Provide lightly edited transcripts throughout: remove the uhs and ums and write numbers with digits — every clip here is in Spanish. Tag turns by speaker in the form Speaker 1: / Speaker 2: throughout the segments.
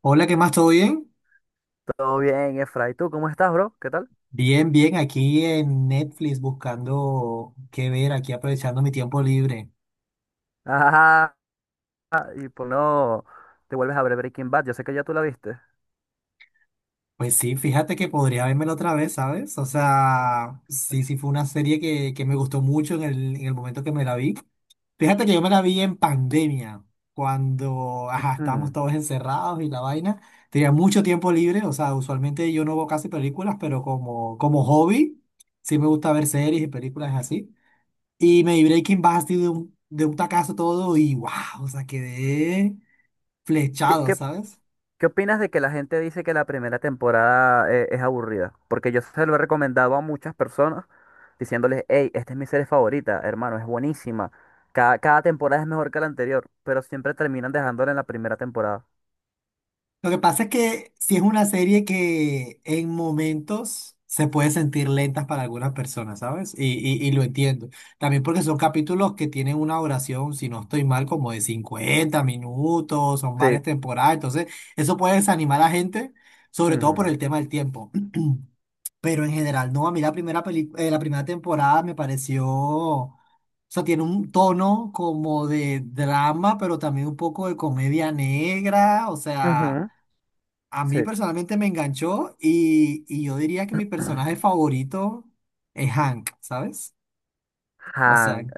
Speaker 1: Hola, ¿qué más? ¿Todo bien?
Speaker 2: Todo bien, Efra. ¿Y tú cómo estás, bro? ¿Qué tal?
Speaker 1: Bien, bien, aquí en Netflix buscando qué ver, aquí aprovechando mi tiempo libre.
Speaker 2: Ajá. Y por no te vuelves a ver Breaking Bad. Yo sé que ya tú la viste.
Speaker 1: Pues sí, fíjate que podría vérmelo otra vez, ¿sabes? O sea, sí, sí fue una serie que me gustó mucho en el momento que me la vi. Fíjate que yo me la vi en pandemia, cuando, ajá, estábamos
Speaker 2: Hmm.
Speaker 1: todos encerrados y la vaina. Tenía mucho tiempo libre, o sea, usualmente yo no veo casi películas, pero como hobby, sí me gusta ver series y películas así. Y me di Breaking Bad así de un tacazo todo y wow, o sea, quedé
Speaker 2: ¿Qué,
Speaker 1: flechado,
Speaker 2: qué,
Speaker 1: ¿sabes?
Speaker 2: qué opinas de que la gente dice que la primera temporada es aburrida? Porque yo se lo he recomendado a muchas personas diciéndoles, hey, esta es mi serie favorita, hermano, es buenísima. Cada temporada es mejor que la anterior, pero siempre terminan dejándola en la primera temporada.
Speaker 1: Lo que pasa es que sí es una serie que en momentos se puede sentir lentas para algunas personas, ¿sabes? Y lo entiendo. También porque son capítulos que tienen una duración si no estoy mal, como de 50 minutos, son
Speaker 2: Sí.
Speaker 1: varias temporadas, entonces eso puede desanimar a la gente, sobre todo por
Speaker 2: Ujú.
Speaker 1: el tema del tiempo. Pero en general, no, a mí la primera temporada me pareció, o sea, tiene un tono como de drama, pero también un poco de comedia negra, o sea,
Speaker 2: Ujú.
Speaker 1: a mí
Speaker 2: Sí.
Speaker 1: personalmente me enganchó y yo diría que mi personaje favorito es Hank, ¿sabes? O sea,
Speaker 2: Hank.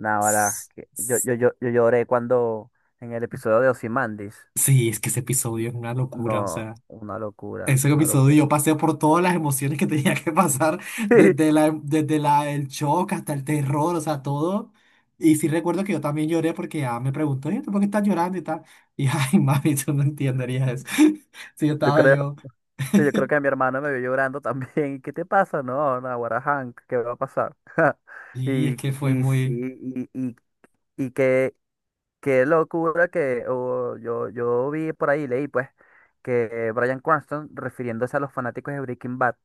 Speaker 2: Nah, ahora,
Speaker 1: s-
Speaker 2: que- yo,
Speaker 1: s-
Speaker 2: yo, yo, yo lloré cuando en el episodio de Ozymandias.
Speaker 1: sí, es que ese episodio es una locura, o
Speaker 2: No,
Speaker 1: sea.
Speaker 2: una locura,
Speaker 1: Ese
Speaker 2: una
Speaker 1: episodio
Speaker 2: locura.
Speaker 1: yo pasé por todas las emociones que tenía que pasar,
Speaker 2: Sí,
Speaker 1: desde el shock hasta el terror, o sea, todo. Y sí recuerdo que yo también lloré porque ya me preguntó, "Oye, ¿tú por qué estás llorando y tal?" Y ay, mami, tú no entenderías eso. Sí, yo
Speaker 2: yo
Speaker 1: estaba
Speaker 2: creo,
Speaker 1: yo.
Speaker 2: sí, yo creo que mi hermano me vio llorando también. ¿Qué te pasa? No, no, ahora Hank, ¿qué va a pasar?
Speaker 1: Y
Speaker 2: Y,
Speaker 1: es que fue
Speaker 2: y sí,
Speaker 1: muy,
Speaker 2: y qué locura que oh, yo vi por ahí, leí pues, que Bryan Cranston, refiriéndose a los fanáticos de Breaking Bad,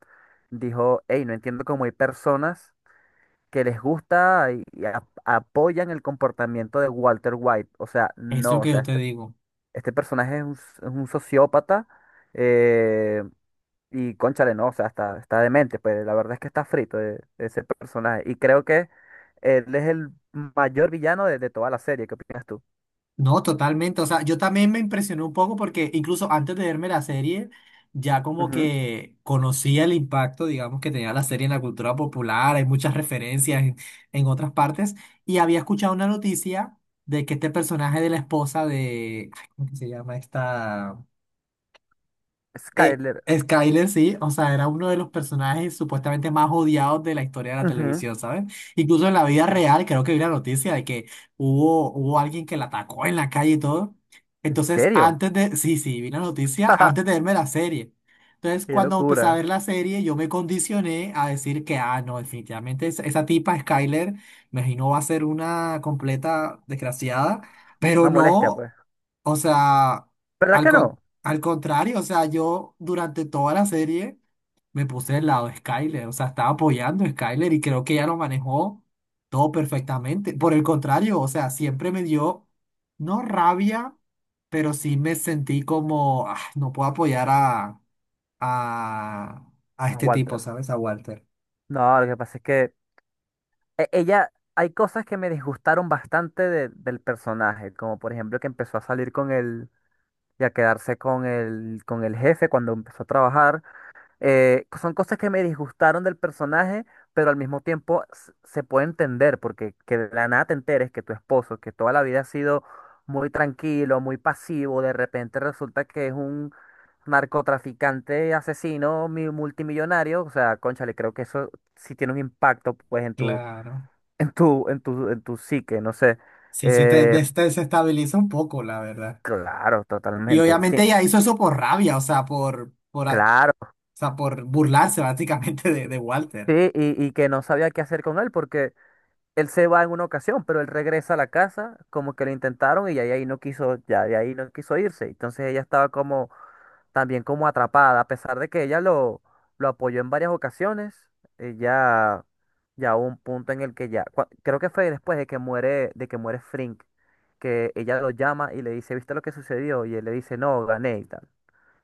Speaker 2: dijo, hey, no entiendo cómo hay personas que les gusta y apoyan el comportamiento de Walter White. O sea,
Speaker 1: es lo
Speaker 2: no, o
Speaker 1: que
Speaker 2: sea,
Speaker 1: yo te
Speaker 2: este,
Speaker 1: digo.
Speaker 2: este personaje es un, es un sociópata eh, y cónchale, no, o sea, está demente, pues la verdad es que está frito ese personaje. Y creo que él es el mayor villano de toda la serie. ¿Qué opinas tú?
Speaker 1: No, totalmente. O sea, yo también me impresioné un poco porque incluso antes de verme la serie, ya como
Speaker 2: Ujú.
Speaker 1: que conocía el impacto, digamos, que tenía la serie en la cultura popular. Hay muchas referencias en otras partes. Y había escuchado una noticia de que este personaje de la esposa de, ay, ¿cómo que se llama esta? Eh,
Speaker 2: Skyler.
Speaker 1: Skyler sí, o sea, era uno de los personajes supuestamente más odiados de la historia de la
Speaker 2: Ujú.
Speaker 1: televisión, ¿sabes? Incluso en la vida
Speaker 2: Sí.
Speaker 1: real, creo que vi la noticia de que hubo alguien que la atacó en la calle y todo.
Speaker 2: ¿En
Speaker 1: Entonces,
Speaker 2: serio?
Speaker 1: antes de, sí, sí, vi la noticia antes de verme la serie. Entonces,
Speaker 2: ¡Qué
Speaker 1: cuando empecé a ver
Speaker 2: locura!
Speaker 1: la serie, yo me condicioné a decir que, ah, no, definitivamente esa tipa, Skyler, me imagino va a ser una completa desgraciada, pero
Speaker 2: Una molestia,
Speaker 1: no,
Speaker 2: pues.
Speaker 1: o sea.
Speaker 2: ¿Verdad
Speaker 1: Al,
Speaker 2: que
Speaker 1: con-
Speaker 2: no?
Speaker 1: al contrario, o sea, yo durante toda la serie me puse del lado de Skyler, o sea, estaba apoyando a Skyler y creo que ella lo manejó todo perfectamente. Por el contrario, o sea, siempre me dio, no rabia, pero sí me sentí como, "Ah, no puedo apoyar a, a
Speaker 2: A
Speaker 1: este tipo,
Speaker 2: Walter.
Speaker 1: ¿sabes? A Walter."
Speaker 2: No, lo que pasa es que ella, hay cosas que me disgustaron bastante del personaje, como por ejemplo que empezó a salir con él y a quedarse con el jefe cuando empezó a trabajar. Son cosas que me disgustaron del personaje, pero al mismo tiempo se puede entender, porque que de la nada te enteres que tu esposo, que toda la vida ha sido muy tranquilo, muy pasivo, de repente resulta que es un narcotraficante asesino multimillonario, o sea, cónchale, creo que eso sí tiene un impacto pues en tu
Speaker 1: Claro.
Speaker 2: en tu, en tu, en tu psique, no sé.
Speaker 1: Sí, sí, te
Speaker 2: Eh,
Speaker 1: des- te desestabiliza un poco, la verdad.
Speaker 2: claro,
Speaker 1: Y
Speaker 2: totalmente.
Speaker 1: obviamente
Speaker 2: Sí,
Speaker 1: ella hizo eso por rabia, o sea, por
Speaker 2: claro.
Speaker 1: o sea, por burlarse básicamente de Walter.
Speaker 2: Sí, y que no sabía qué hacer con él porque él se va en una ocasión, pero él regresa a la casa, como que lo intentaron y ya de ahí no quiso, ya de ahí no quiso irse. Entonces ella estaba como también como atrapada, a pesar de que ella lo apoyó en varias ocasiones. Ella ya hubo un punto en el que ya, creo que fue después de que muere, Frink, que ella lo llama y le dice, ¿viste lo que sucedió? Y él le dice, no, gané y tal.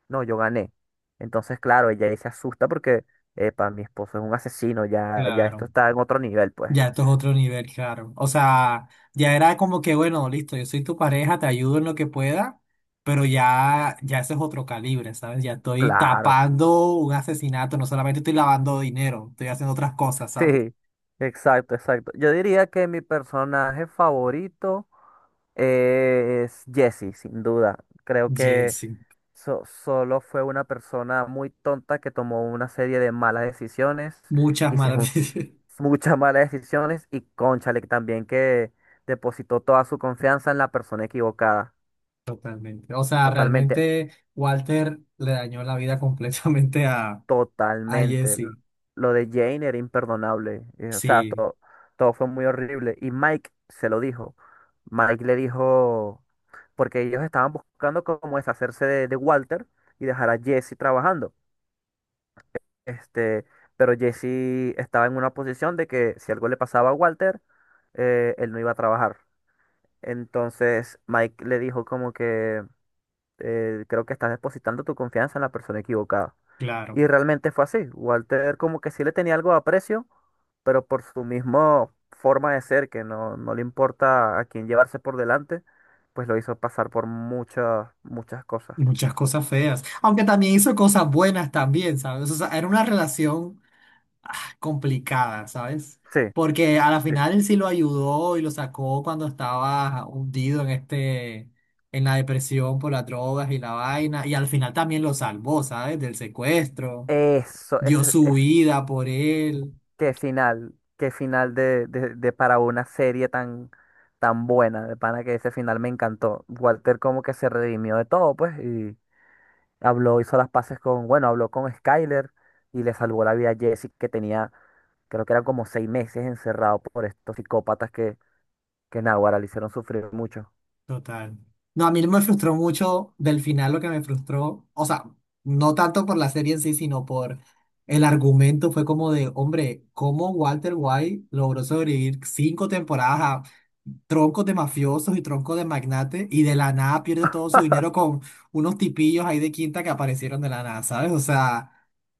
Speaker 2: No, yo gané. Entonces, claro, ella ahí se asusta porque, epa, mi esposo es un asesino, ya, ya esto
Speaker 1: Claro,
Speaker 2: está en otro nivel, pues.
Speaker 1: ya esto es otro nivel, claro. O sea, ya era como que, bueno, listo, yo soy tu pareja, te ayudo en lo que pueda, pero ya, ya ese es otro calibre, ¿sabes? Ya estoy
Speaker 2: Claro.
Speaker 1: tapando un asesinato, no solamente estoy lavando dinero, estoy haciendo otras cosas, ¿sabes?
Speaker 2: Sí, exacto, exacto. Yo diría que mi personaje favorito es Jesse, sin duda. Creo que
Speaker 1: Jesse,
Speaker 2: solo fue una persona muy tonta que tomó una serie de malas decisiones
Speaker 1: muchas
Speaker 2: y se
Speaker 1: malas
Speaker 2: juntó
Speaker 1: decisiones.
Speaker 2: muchas malas decisiones y cónchale también que depositó toda su confianza en la persona equivocada.
Speaker 1: Totalmente. O sea,
Speaker 2: Totalmente.
Speaker 1: realmente Walter le dañó la vida completamente a
Speaker 2: Totalmente.
Speaker 1: Jesse.
Speaker 2: Lo de Jane era imperdonable. O sea,
Speaker 1: Sí,
Speaker 2: todo fue muy horrible. Y Mike se lo dijo. Mike le dijo, porque ellos estaban buscando como deshacerse de Walter y dejar a Jesse trabajando. Este, pero Jesse estaba en una posición de que si algo le pasaba a Walter, él no iba a trabajar. Entonces Mike le dijo como que creo que estás depositando tu confianza en la persona equivocada. Y
Speaker 1: claro.
Speaker 2: realmente fue así. Walter como que sí le tenía algo de aprecio, pero por su misma forma de ser, que no, no le importa a quién llevarse por delante, pues lo hizo pasar por muchas, muchas cosas.
Speaker 1: Muchas cosas feas, aunque también hizo cosas buenas también, ¿sabes? O sea, era una relación complicada, ¿sabes?
Speaker 2: Sí,
Speaker 1: Porque a la
Speaker 2: sí.
Speaker 1: final él sí lo ayudó y lo sacó cuando estaba hundido en la depresión por las drogas y la vaina, y al final también lo salvó, ¿sabes? Del secuestro, dio
Speaker 2: Ese
Speaker 1: su
Speaker 2: es
Speaker 1: vida por él.
Speaker 2: qué final de para una serie tan, tan buena, de pana que ese final me encantó. Walter como que se redimió de todo, pues, y hizo las paces con, bueno, habló con Skyler y le salvó la vida a Jesse. Que tenía Creo que eran como 6 meses encerrado por estos psicópatas que Naguará le hicieron sufrir mucho.
Speaker 1: Total. No, a mí me frustró mucho del final lo que me frustró, o sea, no tanto por la serie en sí, sino por el argumento, fue como de, hombre, ¿cómo Walter White logró sobrevivir cinco temporadas troncos de mafiosos y troncos de magnates y de la nada pierde todo su dinero con unos tipillos ahí de quinta que aparecieron de la nada, ¿sabes? O sea,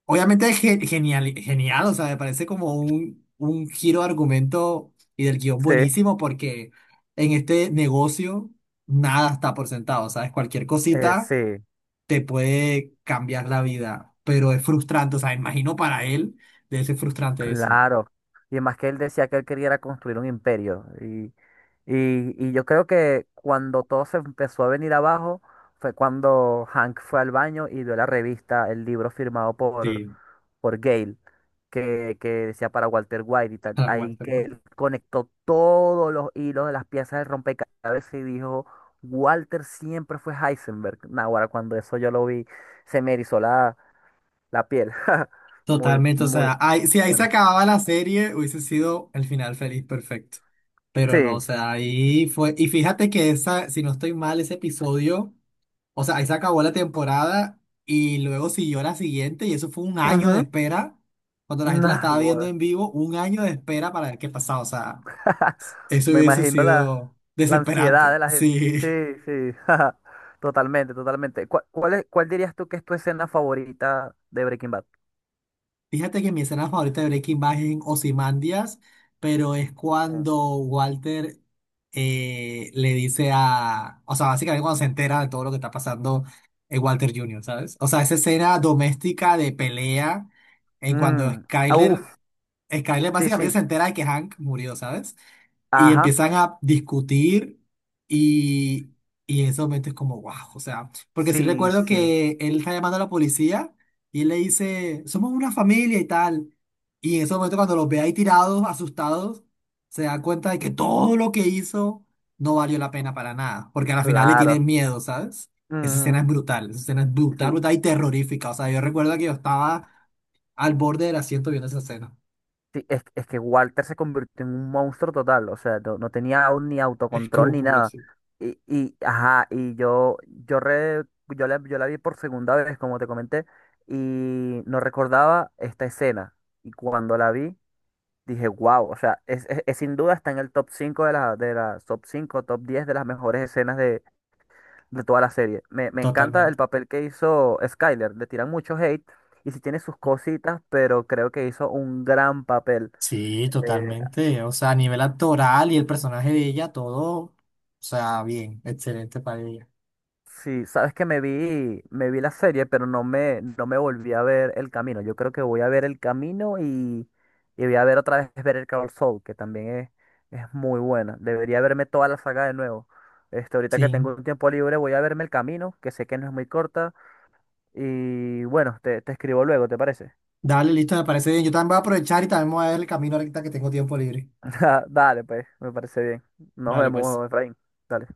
Speaker 1: obviamente es genial, genial, o sea, me parece como un giro de argumento y del guión
Speaker 2: Sí,
Speaker 1: buenísimo porque en este negocio nada está por sentado, ¿sabes? Cualquier cosita
Speaker 2: sí.
Speaker 1: te puede cambiar la vida, pero es frustrante, o sea, imagino para él debe ser frustrante eso.
Speaker 2: Claro, y más que él decía que él quería era construir un imperio. Y yo creo que cuando todo se empezó a venir abajo fue cuando Hank fue al baño y vio la revista, el libro firmado por,
Speaker 1: Sí,
Speaker 2: por Gale, que decía para Walter White y tal.
Speaker 1: para
Speaker 2: Ahí
Speaker 1: Walter.
Speaker 2: que
Speaker 1: ¿No?
Speaker 2: él conectó todos los hilos de las piezas de rompecabezas y dijo, Walter siempre fue Heisenberg. Naguará cuando eso yo lo vi, se me erizó la piel. Muy,
Speaker 1: Totalmente, o
Speaker 2: muy,
Speaker 1: sea, si
Speaker 2: muy
Speaker 1: ahí se
Speaker 2: buena.
Speaker 1: acababa la serie, hubiese sido el final feliz perfecto. Pero no, o
Speaker 2: Sí.
Speaker 1: sea, ahí fue. Y fíjate que esa, si no estoy mal, ese episodio, o sea, ahí se acabó la temporada y luego siguió la siguiente, y eso fue un año de
Speaker 2: Ujú.
Speaker 1: espera. Cuando la gente la
Speaker 2: Nah,
Speaker 1: estaba viendo
Speaker 2: gorda.
Speaker 1: en vivo, un año de espera para ver qué pasaba. O sea, eso
Speaker 2: Me
Speaker 1: hubiese
Speaker 2: imagino la,
Speaker 1: sido
Speaker 2: la ansiedad de
Speaker 1: desesperante.
Speaker 2: la gente.
Speaker 1: Sí.
Speaker 2: Sí, sí. Totalmente, totalmente. ¿Cuál dirías tú que es tu escena favorita de Breaking Bad?
Speaker 1: Fíjate que mi escena favorita de Breaking Bad es en Ozymandias, pero es
Speaker 2: Mm.
Speaker 1: cuando Walter le dice a. O sea, básicamente cuando se entera de todo lo que está pasando Walter Jr., ¿sabes? O sea, esa escena doméstica de pelea en cuando
Speaker 2: Mm, ah,
Speaker 1: Skyler.
Speaker 2: Uf,
Speaker 1: Skyler
Speaker 2: sí,
Speaker 1: básicamente
Speaker 2: sí.
Speaker 1: se entera de que Hank murió, ¿sabes? Y
Speaker 2: Ajá.
Speaker 1: empiezan a discutir y, y en ese momento es como, wow, o sea, porque sí
Speaker 2: Sí,
Speaker 1: recuerdo
Speaker 2: sí.
Speaker 1: que él está llamando a la policía y él le dice, somos una familia y tal. Y en ese momento cuando los ve ahí tirados, asustados, se da cuenta de que todo lo que hizo no valió la pena para nada, porque al final le
Speaker 2: Claro.
Speaker 1: tienen miedo, ¿sabes? Esa escena es
Speaker 2: Ujú.
Speaker 1: brutal, esa escena es brutal,
Speaker 2: Sí,
Speaker 1: brutal y terrorífica. O sea, yo recuerdo que yo estaba al borde del asiento viendo esa escena.
Speaker 2: sí, es que Walter se convirtió en un monstruo total, o sea, no, no tenía aún ni autocontrol ni
Speaker 1: Escrúpulos,
Speaker 2: nada.
Speaker 1: sí.
Speaker 2: Y ajá, y yo la vi por segunda vez, como te comenté, y no recordaba esta escena. Y cuando la vi, dije, wow, o sea, es sin duda está en el top 5 de la top 5 top 10 de las mejores escenas de toda la serie. Me encanta el
Speaker 1: Totalmente.
Speaker 2: papel que hizo Skyler, le tiran mucho hate y sí tiene sus cositas, pero creo que hizo un gran papel.
Speaker 1: Sí,
Speaker 2: eh,
Speaker 1: totalmente. O sea, a nivel actoral y el personaje de ella, todo, o sea, bien, excelente para ella.
Speaker 2: Sí, sabes que me vi la serie, pero no me volví a ver El Camino. Yo creo que voy a ver El Camino y voy a ver otra vez Better Call Saul, que también es muy buena. Debería verme toda la saga de nuevo. Este, ahorita que
Speaker 1: Sí.
Speaker 2: tengo un tiempo libre, voy a verme El Camino, que sé que no es muy corta. Y bueno, te escribo luego, ¿te parece?
Speaker 1: Dale, listo, me parece bien. Yo también voy a aprovechar y también voy a ver El Camino ahorita que tengo tiempo libre.
Speaker 2: Dale, pues, me parece bien. Nos
Speaker 1: Dale, pues.
Speaker 2: vemos, Efraín. Dale.